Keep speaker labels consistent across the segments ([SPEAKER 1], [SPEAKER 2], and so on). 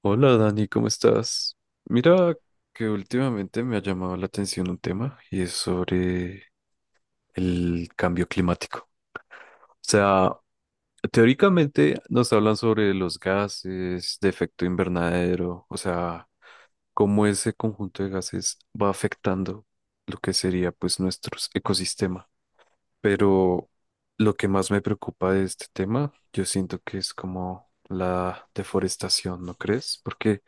[SPEAKER 1] Hola Dani, ¿cómo estás? Mira que últimamente me ha llamado la atención un tema y es sobre el cambio climático. O sea, teóricamente nos hablan sobre los gases de efecto invernadero, o sea, cómo ese conjunto de gases va afectando lo que sería pues nuestro ecosistema. Pero lo que más me preocupa de este tema, yo siento que es como la deforestación, ¿no crees? Porque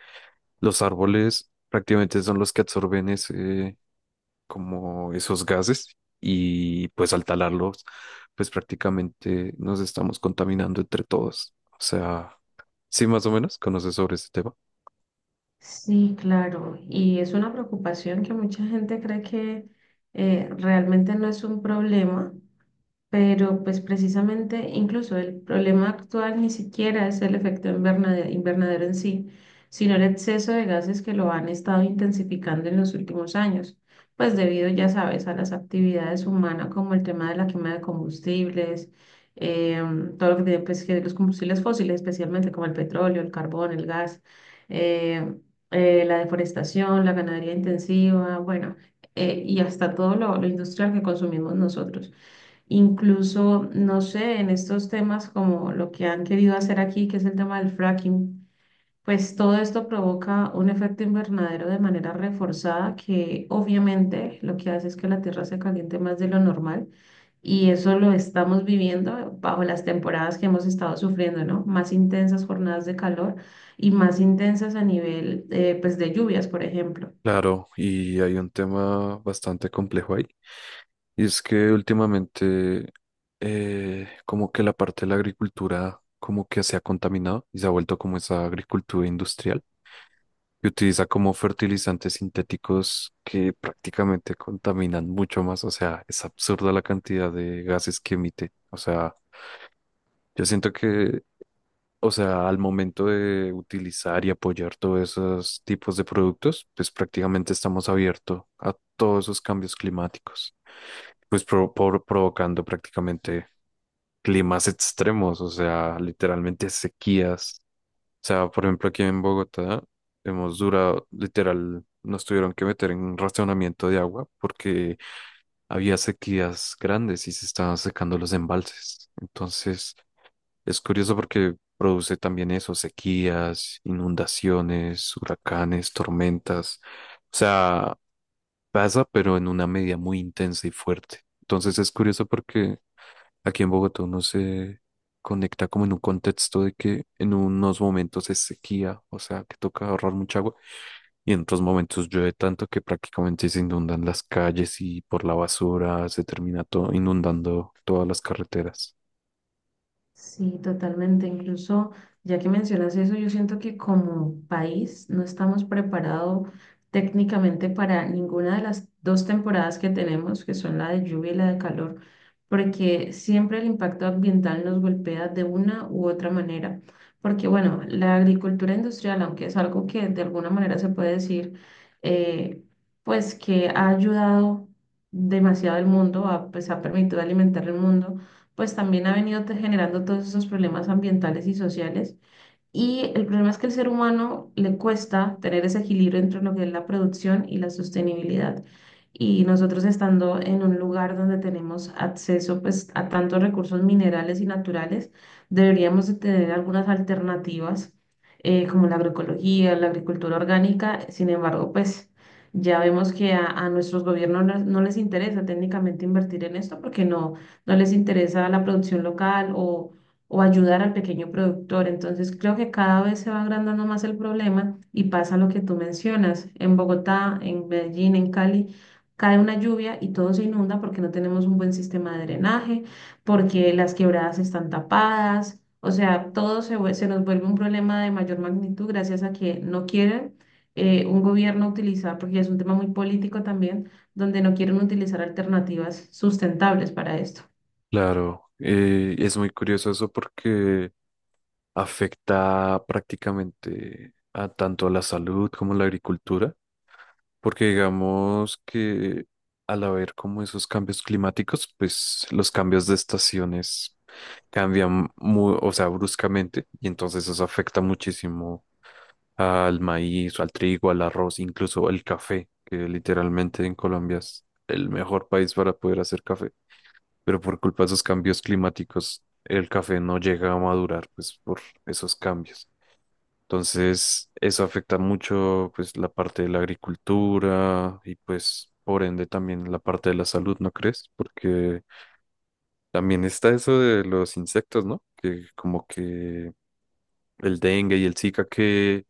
[SPEAKER 1] los árboles prácticamente son los que absorben ese, como esos gases y pues al talarlos, pues prácticamente nos estamos contaminando entre todos. O sea, sí, más o menos conoces sobre este tema.
[SPEAKER 2] Sí, claro, y es una preocupación que mucha gente cree que realmente no es un problema, pero pues precisamente incluso el problema actual ni siquiera es el efecto invernadero en sí, sino el exceso de gases que lo han estado intensificando en los últimos años, pues debido, ya sabes, a las actividades humanas como el tema de la quema de combustibles, todo lo que tiene pues, que los combustibles fósiles, especialmente como el petróleo, el carbón, el gas, em, la deforestación, la ganadería intensiva, bueno, y hasta todo lo industrial que consumimos nosotros. Incluso, no sé, en estos temas como lo que han querido hacer aquí, que es el tema del fracking, pues todo esto provoca un efecto invernadero de manera reforzada que obviamente lo que hace es que la tierra se caliente más de lo normal y eso lo estamos viviendo bajo las temporadas que hemos estado sufriendo, ¿no? Más intensas jornadas de calor y más intensas a nivel, pues, de lluvias, por ejemplo.
[SPEAKER 1] Claro, y hay un tema bastante complejo ahí. Y es que últimamente como que la parte de la agricultura como que se ha contaminado y se ha vuelto como esa agricultura industrial que utiliza como fertilizantes sintéticos que prácticamente contaminan mucho más. O sea, es absurda la cantidad de gases que emite. O sea, yo siento que, o sea, al momento de utilizar y apoyar todos esos tipos de productos, pues prácticamente estamos abiertos a todos esos cambios climáticos, pues provocando prácticamente climas extremos, o sea, literalmente sequías sea, por ejemplo, aquí en Bogotá hemos durado, literal, nos tuvieron que meter en un racionamiento de agua porque había sequías grandes y se estaban secando los embalses. Entonces, es curioso porque produce también eso, sequías, inundaciones, huracanes, tormentas. O sea, pasa, pero en una medida muy intensa y fuerte. Entonces, es curioso porque aquí en Bogotá uno se conecta como en un contexto de que en unos momentos es sequía, o sea, que toca ahorrar mucha agua, y en otros momentos llueve tanto que prácticamente se inundan las calles y por la basura se termina todo inundando todas las carreteras.
[SPEAKER 2] Sí, totalmente. Incluso, ya que mencionas eso, yo siento que como país no estamos preparados técnicamente para ninguna de las dos temporadas que tenemos, que son la de lluvia y la de calor, porque siempre el impacto ambiental nos golpea de una u otra manera. Porque, bueno, la agricultura industrial, aunque es algo que de alguna manera se puede decir, eh, pues que ha ayudado demasiado al mundo, pues ha permitido alimentar el mundo pues también ha venido generando todos esos problemas ambientales y sociales. Y el problema es que al ser humano le cuesta tener ese equilibrio entre lo que es la producción y la sostenibilidad. Y nosotros estando en un lugar donde tenemos acceso pues, a tantos recursos minerales y naturales, deberíamos de tener algunas alternativas como la agroecología, la agricultura orgánica. Sin embargo, pues ya vemos que a nuestros gobiernos no les interesa técnicamente invertir en esto porque no les interesa la producción local o ayudar al pequeño productor. Entonces, creo que cada vez se va agrandando más el problema y pasa lo que tú mencionas. En Bogotá, en Medellín, en Cali, cae una lluvia y todo se inunda porque no tenemos un buen sistema de drenaje, porque las quebradas están tapadas. O sea, todo se, se nos vuelve un problema de mayor magnitud gracias a que no quieren un gobierno utilizar, porque es un tema muy político también, donde no quieren utilizar alternativas sustentables para esto.
[SPEAKER 1] Claro, es muy curioso eso porque afecta prácticamente a tanto a la salud como a la agricultura. Porque digamos que al haber como esos cambios climáticos, pues los cambios de estaciones cambian muy, o sea, bruscamente y entonces eso afecta muchísimo al maíz, al trigo, al arroz, incluso al café, que literalmente en Colombia es el mejor país para poder hacer café, pero por culpa de esos cambios climáticos el café no llega a madurar, pues por esos cambios. Entonces, eso afecta mucho pues la parte de la agricultura y pues por ende también la parte de la salud, ¿no crees? Porque también está eso de los insectos, ¿no? Que como que el dengue y el Zika que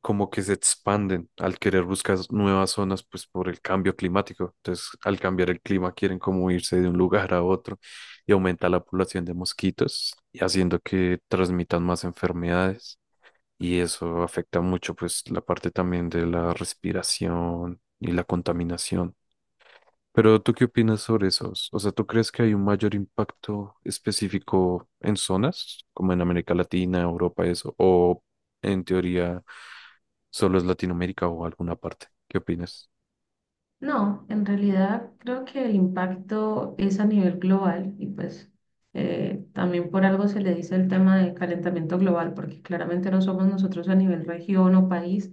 [SPEAKER 1] como que se expanden al querer buscar nuevas zonas pues por el cambio climático. Entonces, al cambiar el clima quieren como irse de un lugar a otro y aumenta la población de mosquitos y haciendo que transmitan más enfermedades y eso afecta mucho pues la parte también de la respiración y la contaminación. Pero ¿tú qué opinas sobre esos? O sea, ¿tú crees que hay un mayor impacto específico en zonas como en América Latina, Europa, eso? ¿O en teoría solo es Latinoamérica o alguna parte? ¿Qué opinas?
[SPEAKER 2] No, en realidad creo que el impacto es a nivel global y pues también por algo se le dice el tema de calentamiento global, porque claramente no somos nosotros a nivel región o país,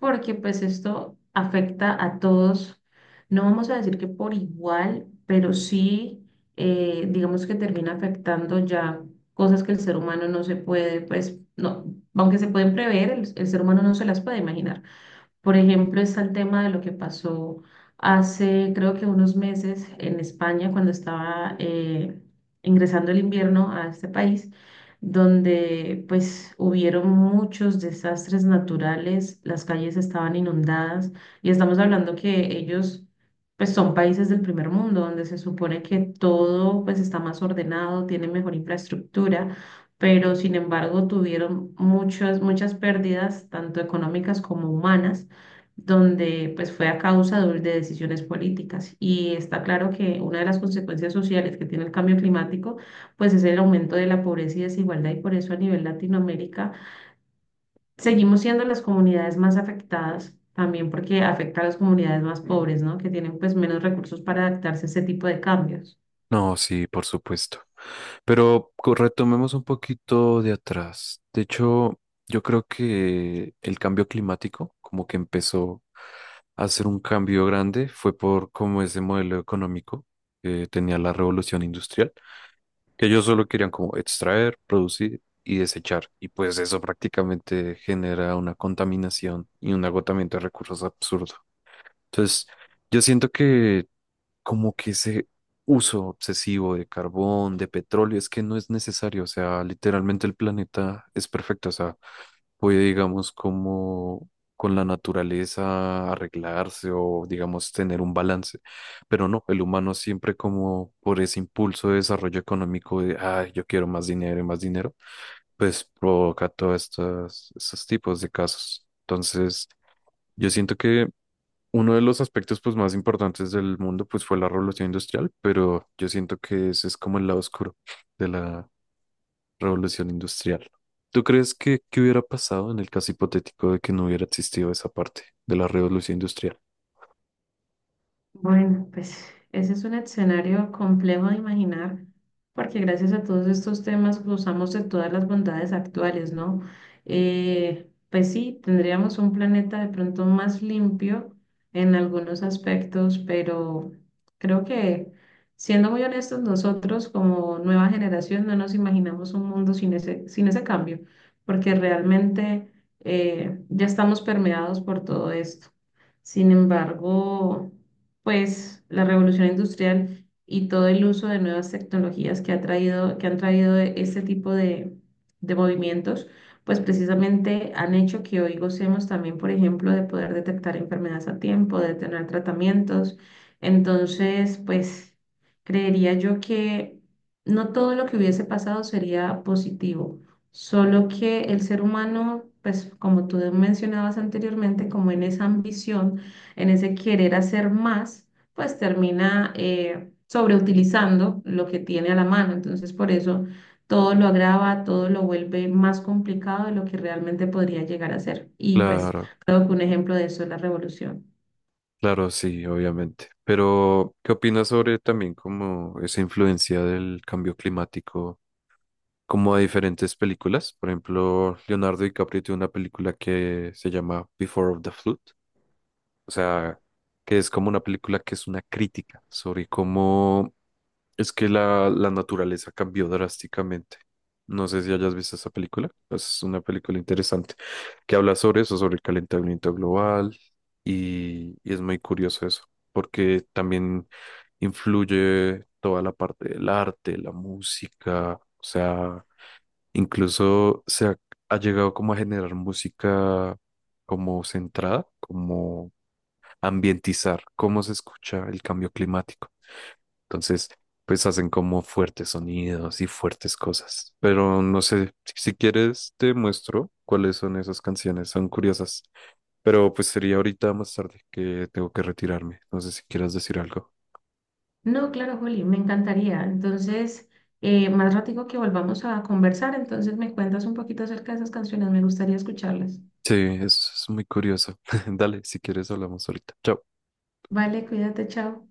[SPEAKER 2] porque pues esto afecta a todos, no vamos a decir que por igual, pero sí digamos que termina afectando ya cosas que el ser humano no se puede, pues no, aunque se pueden prever, el ser humano no se las puede imaginar. Por ejemplo, está el tema de lo que pasó hace, creo que unos meses en España, cuando estaba ingresando el invierno a este país, donde pues hubieron muchos desastres naturales, las calles estaban inundadas y estamos hablando que ellos pues son países del primer mundo, donde se supone que todo pues está más ordenado, tiene mejor infraestructura pero sin embargo tuvieron muchas, muchas pérdidas, tanto económicas como humanas donde pues fue a causa de decisiones políticas. Y está claro que una de las consecuencias sociales que tiene el cambio climático pues es el aumento de la pobreza y desigualdad y por eso a nivel Latinoamérica seguimos siendo las comunidades más afectadas. También porque afecta a las comunidades más pobres, ¿no? Que tienen pues menos recursos para adaptarse a ese tipo de cambios.
[SPEAKER 1] No, sí, por supuesto. Pero retomemos un poquito de atrás. De hecho, yo creo que el cambio climático, como que empezó a hacer un cambio grande, fue por como ese modelo económico que tenía la revolución industrial, que ellos solo querían como extraer, producir y desechar. Y pues eso prácticamente genera una contaminación y un agotamiento de recursos absurdo. Entonces, yo siento que como que ese uso obsesivo de carbón, de petróleo, es que no es necesario, o sea, literalmente el planeta es perfecto, o sea, puede, digamos, como con la naturaleza arreglarse o, digamos, tener un balance, pero no, el humano siempre como por ese impulso de desarrollo económico de, ay, yo quiero más dinero y más dinero, pues provoca todos estos tipos de casos. Entonces, yo siento que uno de los aspectos pues más importantes del mundo pues fue la revolución industrial, pero yo siento que ese es como el lado oscuro de la revolución industrial. ¿Tú crees que qué hubiera pasado en el caso hipotético de que no hubiera existido esa parte de la revolución industrial?
[SPEAKER 2] Bueno, pues ese es un escenario complejo de imaginar, porque gracias a todos estos temas gozamos de todas las bondades actuales, ¿no? Pues sí, tendríamos un planeta de pronto más limpio en algunos aspectos, pero creo que siendo muy honestos, nosotros como nueva generación no nos imaginamos un mundo sin ese, sin ese cambio, porque realmente ya estamos permeados por todo esto. Sin embargo pues la revolución industrial y todo el uso de nuevas tecnologías que ha traído, que han traído este tipo de movimientos, pues precisamente han hecho que hoy gocemos también, por ejemplo, de poder detectar enfermedades a tiempo, de tener tratamientos. Entonces, pues creería yo que no todo lo que hubiese pasado sería positivo, solo que el ser humano, pues como tú mencionabas anteriormente, como en esa ambición, en ese querer hacer más, pues termina sobreutilizando lo que tiene a la mano. Entonces, por eso todo lo agrava, todo lo vuelve más complicado de lo que realmente podría llegar a ser. Y pues
[SPEAKER 1] Claro,
[SPEAKER 2] creo que un ejemplo de eso es la revolución.
[SPEAKER 1] claro, sí, obviamente. Pero, ¿qué opinas sobre también como esa influencia del cambio climático como a diferentes películas? Por ejemplo, Leonardo DiCaprio tiene una película que se llama Before of the Flood. O sea, que es como una película que es una crítica sobre cómo es que la naturaleza cambió drásticamente. No sé si hayas visto esa película. Es una película interesante que habla sobre eso, sobre el calentamiento global y es muy curioso eso, porque también influye toda la parte del arte, la música, o sea, incluso se ha llegado como a generar música como centrada, ambientizar cómo se escucha el cambio climático. Entonces, pues hacen como fuertes sonidos y fuertes cosas. Pero no sé, si quieres te muestro cuáles son esas canciones, son curiosas. Pero pues sería ahorita más tarde que tengo que retirarme. No sé si quieras decir algo.
[SPEAKER 2] No, claro, Juli, me encantaría. Entonces, más ratico que volvamos a conversar, entonces me cuentas un poquito acerca de esas canciones, me gustaría escucharlas.
[SPEAKER 1] Sí, es muy curioso. Dale, si quieres hablamos ahorita. Chao.
[SPEAKER 2] Vale, cuídate, chao.